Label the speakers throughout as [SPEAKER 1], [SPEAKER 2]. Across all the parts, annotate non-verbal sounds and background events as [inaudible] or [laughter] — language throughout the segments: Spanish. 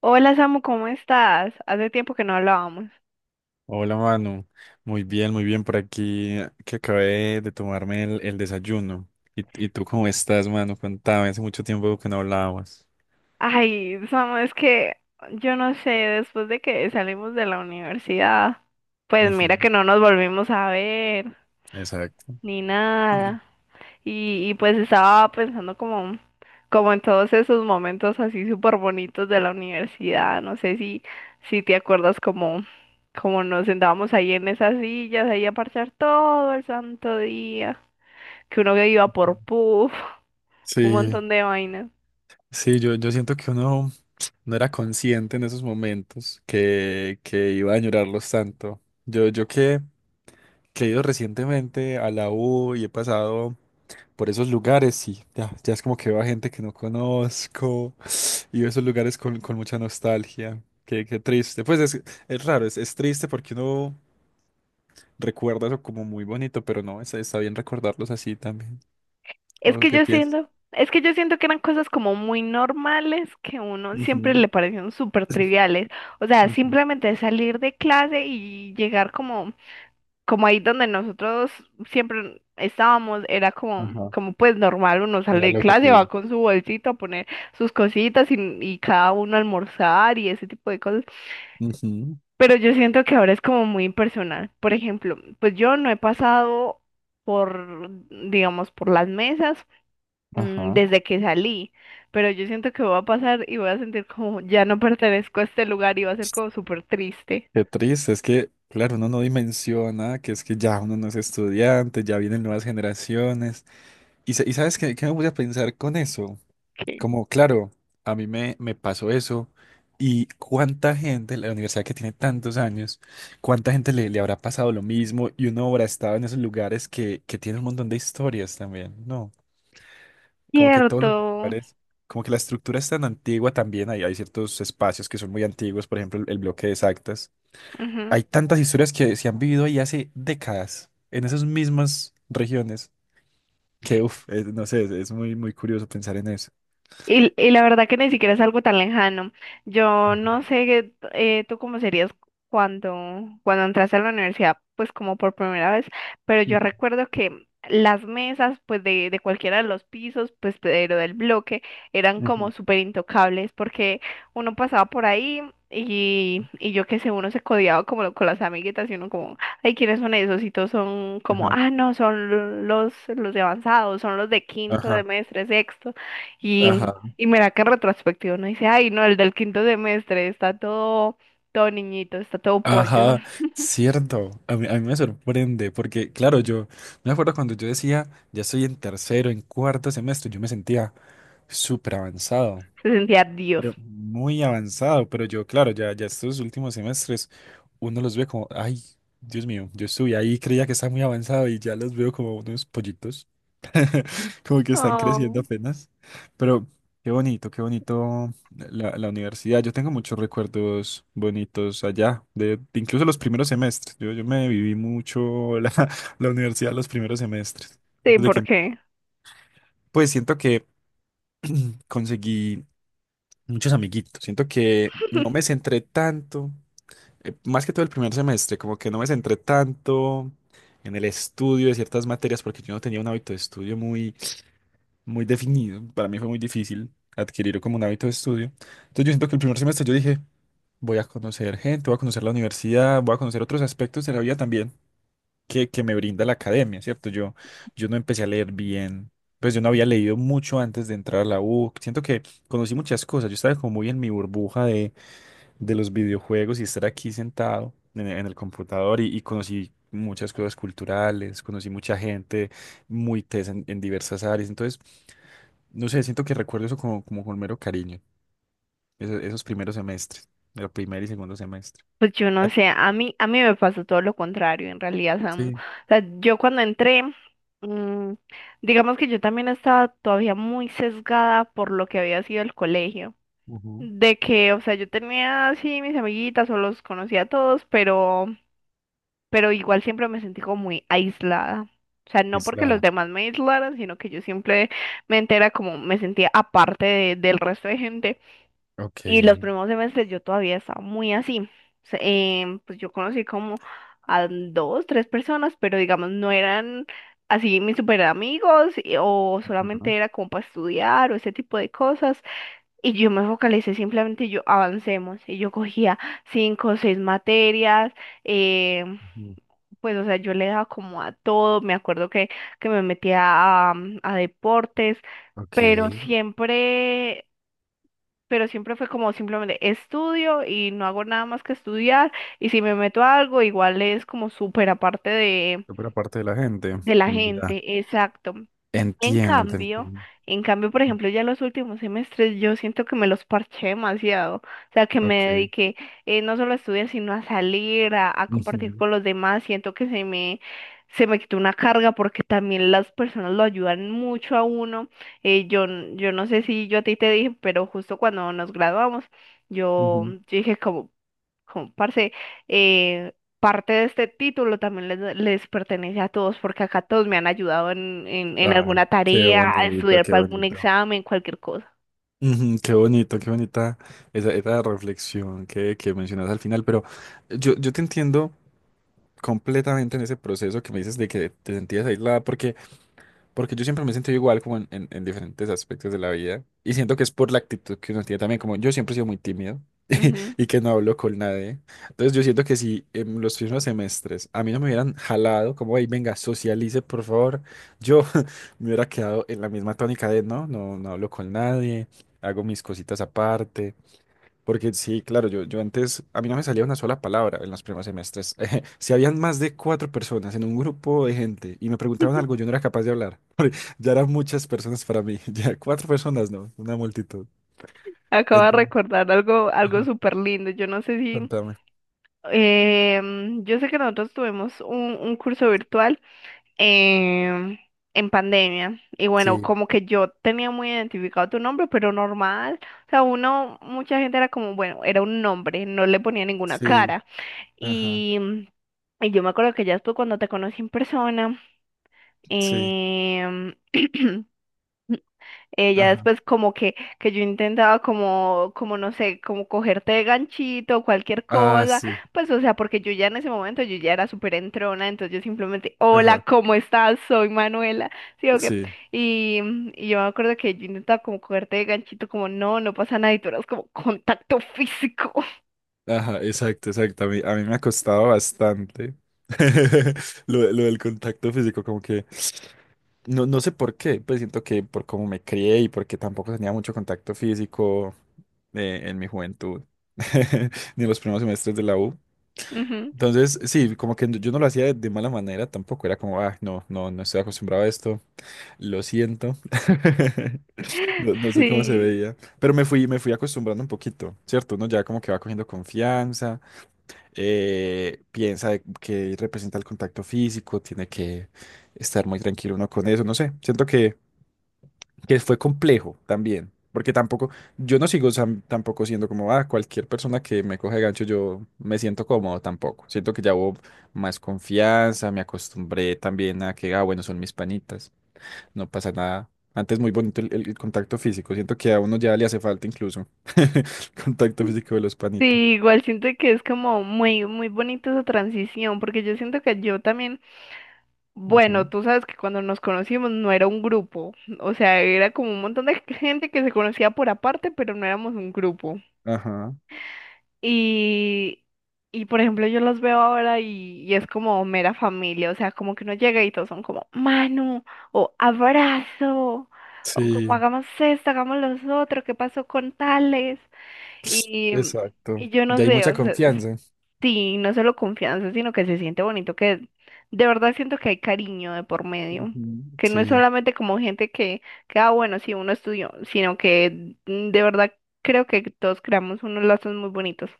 [SPEAKER 1] Hola Samu, ¿cómo estás? Hace tiempo que no hablábamos.
[SPEAKER 2] Hola Manu, muy bien por aquí, que acabé de tomarme el desayuno. Y tú cómo estás, Manu? Contame, hace mucho tiempo que no hablábamos.
[SPEAKER 1] Ay, Samu, es que yo no sé, después de que salimos de la universidad, pues
[SPEAKER 2] Ujú.
[SPEAKER 1] mira que no nos volvimos a ver
[SPEAKER 2] Exacto.
[SPEAKER 1] ni nada. Y pues estaba pensando como, como en todos esos momentos así súper bonitos de la universidad. No sé si, si te acuerdas como, como nos sentábamos ahí en esas sillas, ahí a parchar todo el santo día, que uno que iba por puff, un
[SPEAKER 2] Sí,
[SPEAKER 1] montón de vainas.
[SPEAKER 2] sí, yo siento que uno no era consciente en esos momentos que iba a añorarlos tanto. Yo, yo que he ido recientemente a la U y he pasado por esos lugares y ya es como que veo a gente que no conozco [gasps] y veo esos lugares con mucha nostalgia. Qué, qué triste. Pues es raro, es triste porque uno recuerda eso como muy bonito, pero no, está bien recordarlos así también.
[SPEAKER 1] Es
[SPEAKER 2] ¿O
[SPEAKER 1] que
[SPEAKER 2] qué
[SPEAKER 1] yo
[SPEAKER 2] piensas?
[SPEAKER 1] siento, es que yo siento que eran cosas como muy normales que a uno siempre
[SPEAKER 2] Ujú.
[SPEAKER 1] le parecieron súper triviales. O sea,
[SPEAKER 2] Ujú.
[SPEAKER 1] simplemente salir de clase y llegar como, como ahí donde nosotros siempre estábamos, era como,
[SPEAKER 2] Ajá.
[SPEAKER 1] como pues normal, uno sale
[SPEAKER 2] Era
[SPEAKER 1] de
[SPEAKER 2] lo que te
[SPEAKER 1] clase, va
[SPEAKER 2] digo.
[SPEAKER 1] con su bolsito a poner sus cositas y cada uno a almorzar y ese tipo de cosas.
[SPEAKER 2] Ujú.
[SPEAKER 1] Pero yo siento que ahora es como muy impersonal. Por ejemplo, pues yo no he pasado por, digamos, por las mesas,
[SPEAKER 2] Ajá.
[SPEAKER 1] desde que salí, pero yo siento que voy a pasar y voy a sentir como ya no pertenezco a este lugar y va a ser como súper triste.
[SPEAKER 2] Qué triste, es que, claro, uno no dimensiona que es que ya uno no es estudiante, ya vienen nuevas generaciones. Y, y sabes qué, qué me voy a pensar con eso.
[SPEAKER 1] Ok.
[SPEAKER 2] Como, claro, a mí me pasó eso. Y cuánta gente, la universidad que tiene tantos años, cuánta gente le habrá pasado lo mismo y uno habrá estado en esos lugares que tiene un montón de historias también, ¿no? Como que todos los
[SPEAKER 1] Cierto.
[SPEAKER 2] lugares, como que la estructura es tan antigua también, hay ciertos espacios que son muy antiguos, por ejemplo, el bloque de exactas.
[SPEAKER 1] Ujú.
[SPEAKER 2] Hay tantas historias que se han vivido ahí hace décadas, en esas mismas regiones, que, uff, no sé, es muy, muy curioso pensar en eso.
[SPEAKER 1] Y la verdad que ni siquiera es algo tan lejano. Yo no sé, tú cómo serías cuando, cuando entraste a la universidad, pues como por primera vez, pero yo
[SPEAKER 2] Ujú.
[SPEAKER 1] recuerdo que las mesas, pues de cualquiera de los pisos, pues pero del bloque, eran como
[SPEAKER 2] Ujú.
[SPEAKER 1] súper intocables porque uno pasaba por ahí y yo qué sé, uno se codeaba como con las amiguitas y uno como, ay, ¿quiénes son esos? Y todos son como,
[SPEAKER 2] Ajá,
[SPEAKER 1] ah, no, son los de avanzados, son los de quinto, de
[SPEAKER 2] ajá,
[SPEAKER 1] mes, sexto. Y,
[SPEAKER 2] ajá,
[SPEAKER 1] y mira que en retrospectiva uno dice, ay, no, el del quinto semestre está todo, todo niñito, está todo pollo.
[SPEAKER 2] ajá, cierto. A mí me sorprende porque, claro, yo me acuerdo cuando yo decía, ya estoy en tercero, en cuarto semestre, yo me sentía súper avanzado.
[SPEAKER 1] [laughs] Se sentía Dios.
[SPEAKER 2] Pero muy avanzado, pero yo, claro, ya, ya estos últimos semestres, uno los ve como, ay, Dios mío, yo estuve ahí, creía que estaba muy avanzado y ya los veo como unos pollitos, [laughs] como que están creciendo
[SPEAKER 1] Oh.
[SPEAKER 2] apenas. Pero qué bonito la universidad. Yo tengo muchos recuerdos bonitos allá, de incluso los primeros semestres. Yo me viví mucho la, [laughs] la universidad los primeros semestres.
[SPEAKER 1] Sí,
[SPEAKER 2] Desde
[SPEAKER 1] ¿por
[SPEAKER 2] que,
[SPEAKER 1] qué?
[SPEAKER 2] pues siento que conseguí muchos amiguitos. Siento que no me
[SPEAKER 1] [laughs]
[SPEAKER 2] centré tanto, más que todo el primer semestre, como que no me centré tanto en el estudio de ciertas materias porque yo no tenía un hábito de estudio muy, muy definido. Para mí fue muy difícil adquirir como un hábito de estudio. Entonces yo siento que el primer semestre yo dije, voy a conocer gente, voy a conocer la universidad, voy a conocer otros aspectos de la vida también que me brinda la academia, ¿cierto? Yo no empecé a leer bien, pues yo no había leído mucho antes de entrar a la U. Siento que conocí muchas cosas, yo estaba como muy en mi burbuja de los videojuegos y estar aquí sentado en el computador y conocí muchas cosas culturales, conocí mucha gente muy tesa en diversas áreas, entonces, no sé, siento que recuerdo eso como, como con mero cariño, esos primeros semestres, el primer y segundo semestre.
[SPEAKER 1] Pues yo
[SPEAKER 2] Ah,
[SPEAKER 1] no sé, a mí me pasó todo lo contrario, en realidad, Samu. O
[SPEAKER 2] sí.
[SPEAKER 1] sea, yo cuando entré, mm, digamos que yo también estaba todavía muy sesgada por lo que había sido el colegio.
[SPEAKER 2] Ujú.
[SPEAKER 1] De que, o sea, yo tenía así mis amiguitas o los conocía a todos, pero igual siempre me sentí como muy aislada. O sea, no
[SPEAKER 2] Es
[SPEAKER 1] porque los
[SPEAKER 2] la...
[SPEAKER 1] demás me aislaran, sino que yo siempre me entera como me sentía aparte del resto de gente.
[SPEAKER 2] Ok.
[SPEAKER 1] Y los primeros semestres yo todavía estaba muy así. Se- pues yo conocí como a dos, tres personas, pero digamos no eran así mis super amigos o
[SPEAKER 2] Ujú.
[SPEAKER 1] solamente era como para estudiar o ese tipo de cosas. Y yo me focalicé simplemente yo avancemos. Y yo cogía cinco o seis materias, em,
[SPEAKER 2] Ujú.
[SPEAKER 1] pues, o sea, yo le daba como a todo, me acuerdo que me metía a, a deportes,
[SPEAKER 2] Ok,
[SPEAKER 1] pero siempre, pero siempre fue como simplemente estudio y no hago nada más que estudiar, y si me meto a algo, igual es como súper aparte
[SPEAKER 2] por parte de la gente.
[SPEAKER 1] de la
[SPEAKER 2] Ya,
[SPEAKER 1] gente, exacto. En
[SPEAKER 2] entiendo, te
[SPEAKER 1] cambio,
[SPEAKER 2] entiendo.
[SPEAKER 1] en cambio, por ejemplo, ya los últimos semestres yo siento que me los parché demasiado, o sea, que me
[SPEAKER 2] Ok.
[SPEAKER 1] dediqué, no solo a estudiar, sino a salir, a compartir
[SPEAKER 2] Ujú.
[SPEAKER 1] con los demás, siento que se me quitó una carga porque también las personas lo ayudan mucho a uno, yo, yo no sé si yo a ti te dije, pero justo cuando nos graduamos, yo,
[SPEAKER 2] Ujú.
[SPEAKER 1] yo dije como, como, parce, eh, parte de este título también les pertenece a todos, porque acá todos me han ayudado en
[SPEAKER 2] Ah,
[SPEAKER 1] alguna
[SPEAKER 2] qué
[SPEAKER 1] tarea, a
[SPEAKER 2] bonito,
[SPEAKER 1] estudiar
[SPEAKER 2] qué
[SPEAKER 1] para algún
[SPEAKER 2] bonito.
[SPEAKER 1] examen, cualquier cosa.
[SPEAKER 2] Ujú, qué bonito, qué bonita esa reflexión que mencionas al final, pero yo te entiendo completamente en ese proceso que me dices de que te sentías aislada, porque porque yo siempre me he sentido igual como en, en diferentes aspectos de la vida. Y siento que es por la actitud que uno tiene también. Como yo siempre he sido muy tímido [laughs]
[SPEAKER 1] Ujú.
[SPEAKER 2] y que no hablo con nadie. Entonces yo siento que si en los primeros semestres a mí no me hubieran jalado, como, ahí venga, socialice, por favor. Yo [laughs] me hubiera quedado en la misma tónica de, no, no, no hablo con nadie, hago mis cositas aparte. Porque sí, claro, yo antes, a mí no me salía una sola palabra en los primeros semestres. [laughs] Si habían más de cuatro personas en un grupo de gente y me preguntaban algo, yo no
[SPEAKER 1] [laughs]
[SPEAKER 2] era capaz de hablar. [laughs] Porque ya eran muchas personas para mí. [laughs] Ya cuatro personas, no, una multitud.
[SPEAKER 1] Acabo de
[SPEAKER 2] Entonces,
[SPEAKER 1] recordar algo, algo
[SPEAKER 2] ajá,
[SPEAKER 1] súper lindo. Yo no sé si...
[SPEAKER 2] contame.
[SPEAKER 1] yo sé que nosotros tuvimos un curso virtual, em, en pandemia y bueno,
[SPEAKER 2] Sí,
[SPEAKER 1] como que yo tenía muy identificado tu nombre, pero normal. O sea, uno, mucha gente era como, bueno, era un nombre, no le ponía ninguna
[SPEAKER 2] sí,
[SPEAKER 1] cara.
[SPEAKER 2] ajá,
[SPEAKER 1] Y, y yo me acuerdo que ya después cuando te conocí en persona,
[SPEAKER 2] sí,
[SPEAKER 1] em, [clears throat] ya
[SPEAKER 2] ajá.
[SPEAKER 1] después como que yo intentaba como, como no sé, como cogerte de ganchito, cualquier
[SPEAKER 2] Ah,
[SPEAKER 1] cosa,
[SPEAKER 2] sí,
[SPEAKER 1] pues o sea, porque yo ya en ese momento yo ya era súper entrona, entonces yo simplemente, hola,
[SPEAKER 2] ajá,
[SPEAKER 1] ¿cómo estás? Soy Manuela, ¿sí o qué?
[SPEAKER 2] sí,
[SPEAKER 1] Y, y yo me acuerdo que yo intentaba como cogerte de ganchito, como no, no pasa nada, y tú eras como contacto físico. [laughs]
[SPEAKER 2] ajá, exacto, exacto. A mí me ha costado bastante [laughs] lo del contacto físico, como que... No, no sé por qué, pues siento que por cómo me crié y porque tampoco tenía mucho contacto físico en mi juventud, [laughs] ni en los primeros semestres de la U.
[SPEAKER 1] Ujú.
[SPEAKER 2] Entonces, sí, como que yo no lo hacía de mala manera, tampoco era como, ah, no, no, no estoy acostumbrado a esto, lo siento. [laughs] No, no sé cómo se
[SPEAKER 1] Sí.
[SPEAKER 2] veía, pero me fui acostumbrando un poquito, ¿cierto? Uno ya como que va cogiendo confianza, piensa de que representa el contacto físico, tiene que estar muy tranquilo uno con eso, no sé, siento que fue complejo también, porque tampoco, yo no tampoco siendo como, ah, cualquier persona que me coge de gancho, yo me siento cómodo tampoco. Siento que ya hubo más confianza, me acostumbré también a que, ah, bueno, son mis panitas, no pasa nada. Antes muy bonito el, el contacto físico, siento que a uno ya le hace falta incluso [laughs] el contacto físico de los panitas.
[SPEAKER 1] Sí, igual siento que es como muy, muy bonita esa transición, porque yo siento que yo también, bueno,
[SPEAKER 2] Ujú.
[SPEAKER 1] tú sabes que cuando nos conocimos no era un grupo, o sea, era como un montón de [laughs] gente que se conocía por aparte, pero no éramos un grupo.
[SPEAKER 2] Ajá,
[SPEAKER 1] Y, y por ejemplo, yo los veo ahora y es como mera familia, o sea, como que uno llega y todos son como mano, o abrazo, o como
[SPEAKER 2] sí,
[SPEAKER 1] hagamos esto, hagamos los otros, ¿qué pasó con tales?
[SPEAKER 2] [sniffs]
[SPEAKER 1] Y,
[SPEAKER 2] exacto.
[SPEAKER 1] y yo no
[SPEAKER 2] Ya hay
[SPEAKER 1] sé,
[SPEAKER 2] mucha
[SPEAKER 1] o sea,
[SPEAKER 2] confianza.
[SPEAKER 1] sí, no solo confianza, sino que se siente bonito, que de verdad siento que hay cariño de por medio,
[SPEAKER 2] Ujú.
[SPEAKER 1] que no es
[SPEAKER 2] Sí.
[SPEAKER 1] solamente como gente que ah, bueno, sí, uno estudió, sino que, de verdad creo que todos creamos unos lazos muy bonitos.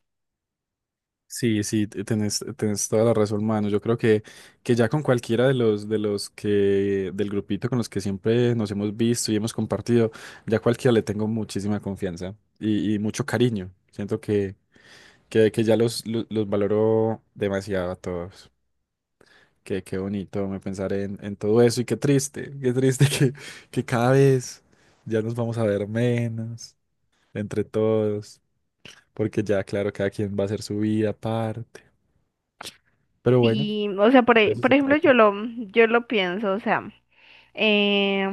[SPEAKER 2] Sí, sí, tenés, tenés toda la razón, mano. Yo creo que ya con cualquiera de los que, del grupito con los que siempre nos hemos visto y hemos compartido, ya cualquiera le tengo muchísima confianza y mucho cariño. Siento que ya los, los valoro demasiado a todos. Qué, qué bonito me pensar en todo eso y qué triste [laughs] que cada vez ya nos vamos a ver menos entre todos, porque ya, claro, cada quien va a hacer su vida aparte. Pero bueno.
[SPEAKER 1] Y, o sea, por,
[SPEAKER 2] De eso
[SPEAKER 1] por
[SPEAKER 2] se
[SPEAKER 1] ejemplo,
[SPEAKER 2] trata.
[SPEAKER 1] yo lo pienso, o sea, eh,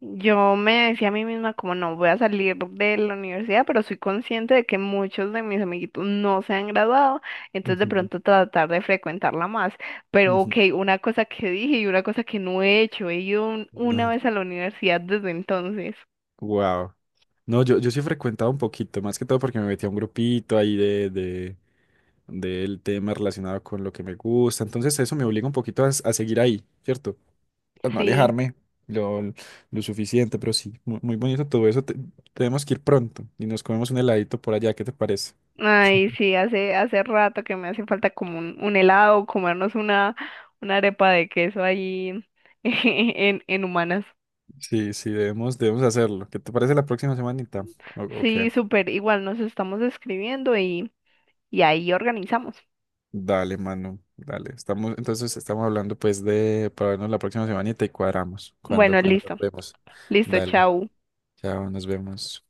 [SPEAKER 1] yo me decía a mí misma como no voy a salir de la universidad, pero soy consciente de que muchos de mis amiguitos no se han graduado, entonces de
[SPEAKER 2] Ujú.
[SPEAKER 1] pronto tratar de frecuentarla más. Pero ok,
[SPEAKER 2] Ujú.
[SPEAKER 1] una cosa que dije y una cosa que no he hecho, he ido una
[SPEAKER 2] No,
[SPEAKER 1] vez a la universidad desde entonces.
[SPEAKER 2] wow. No, yo sí he frecuentado un poquito, más que todo porque me metí a un grupito ahí de, del tema relacionado con lo que me gusta. Entonces eso me obliga un poquito a seguir ahí, ¿cierto? A no
[SPEAKER 1] Sí,
[SPEAKER 2] alejarme lo, lo suficiente, pero sí, muy, muy bonito todo eso. Tenemos que ir pronto y nos comemos un heladito por allá, ¿qué te parece?
[SPEAKER 1] ay, sí, hace, hace rato que me hace falta como un helado, comernos una arepa de queso ahí [laughs] en Humanas.
[SPEAKER 2] Sí, sí, debemos, debemos hacerlo. ¿Qué te parece la próxima semanita? Ok.
[SPEAKER 1] Sí, súper, igual nos estamos escribiendo y ahí organizamos.
[SPEAKER 2] Dale, mano, dale. Estamos, entonces estamos hablando pues de para vernos la próxima semana y te cuadramos cuando,
[SPEAKER 1] Bueno,
[SPEAKER 2] cuando nos
[SPEAKER 1] listo,
[SPEAKER 2] vemos.
[SPEAKER 1] listo,
[SPEAKER 2] Dale,
[SPEAKER 1] chau.
[SPEAKER 2] chao, nos vemos.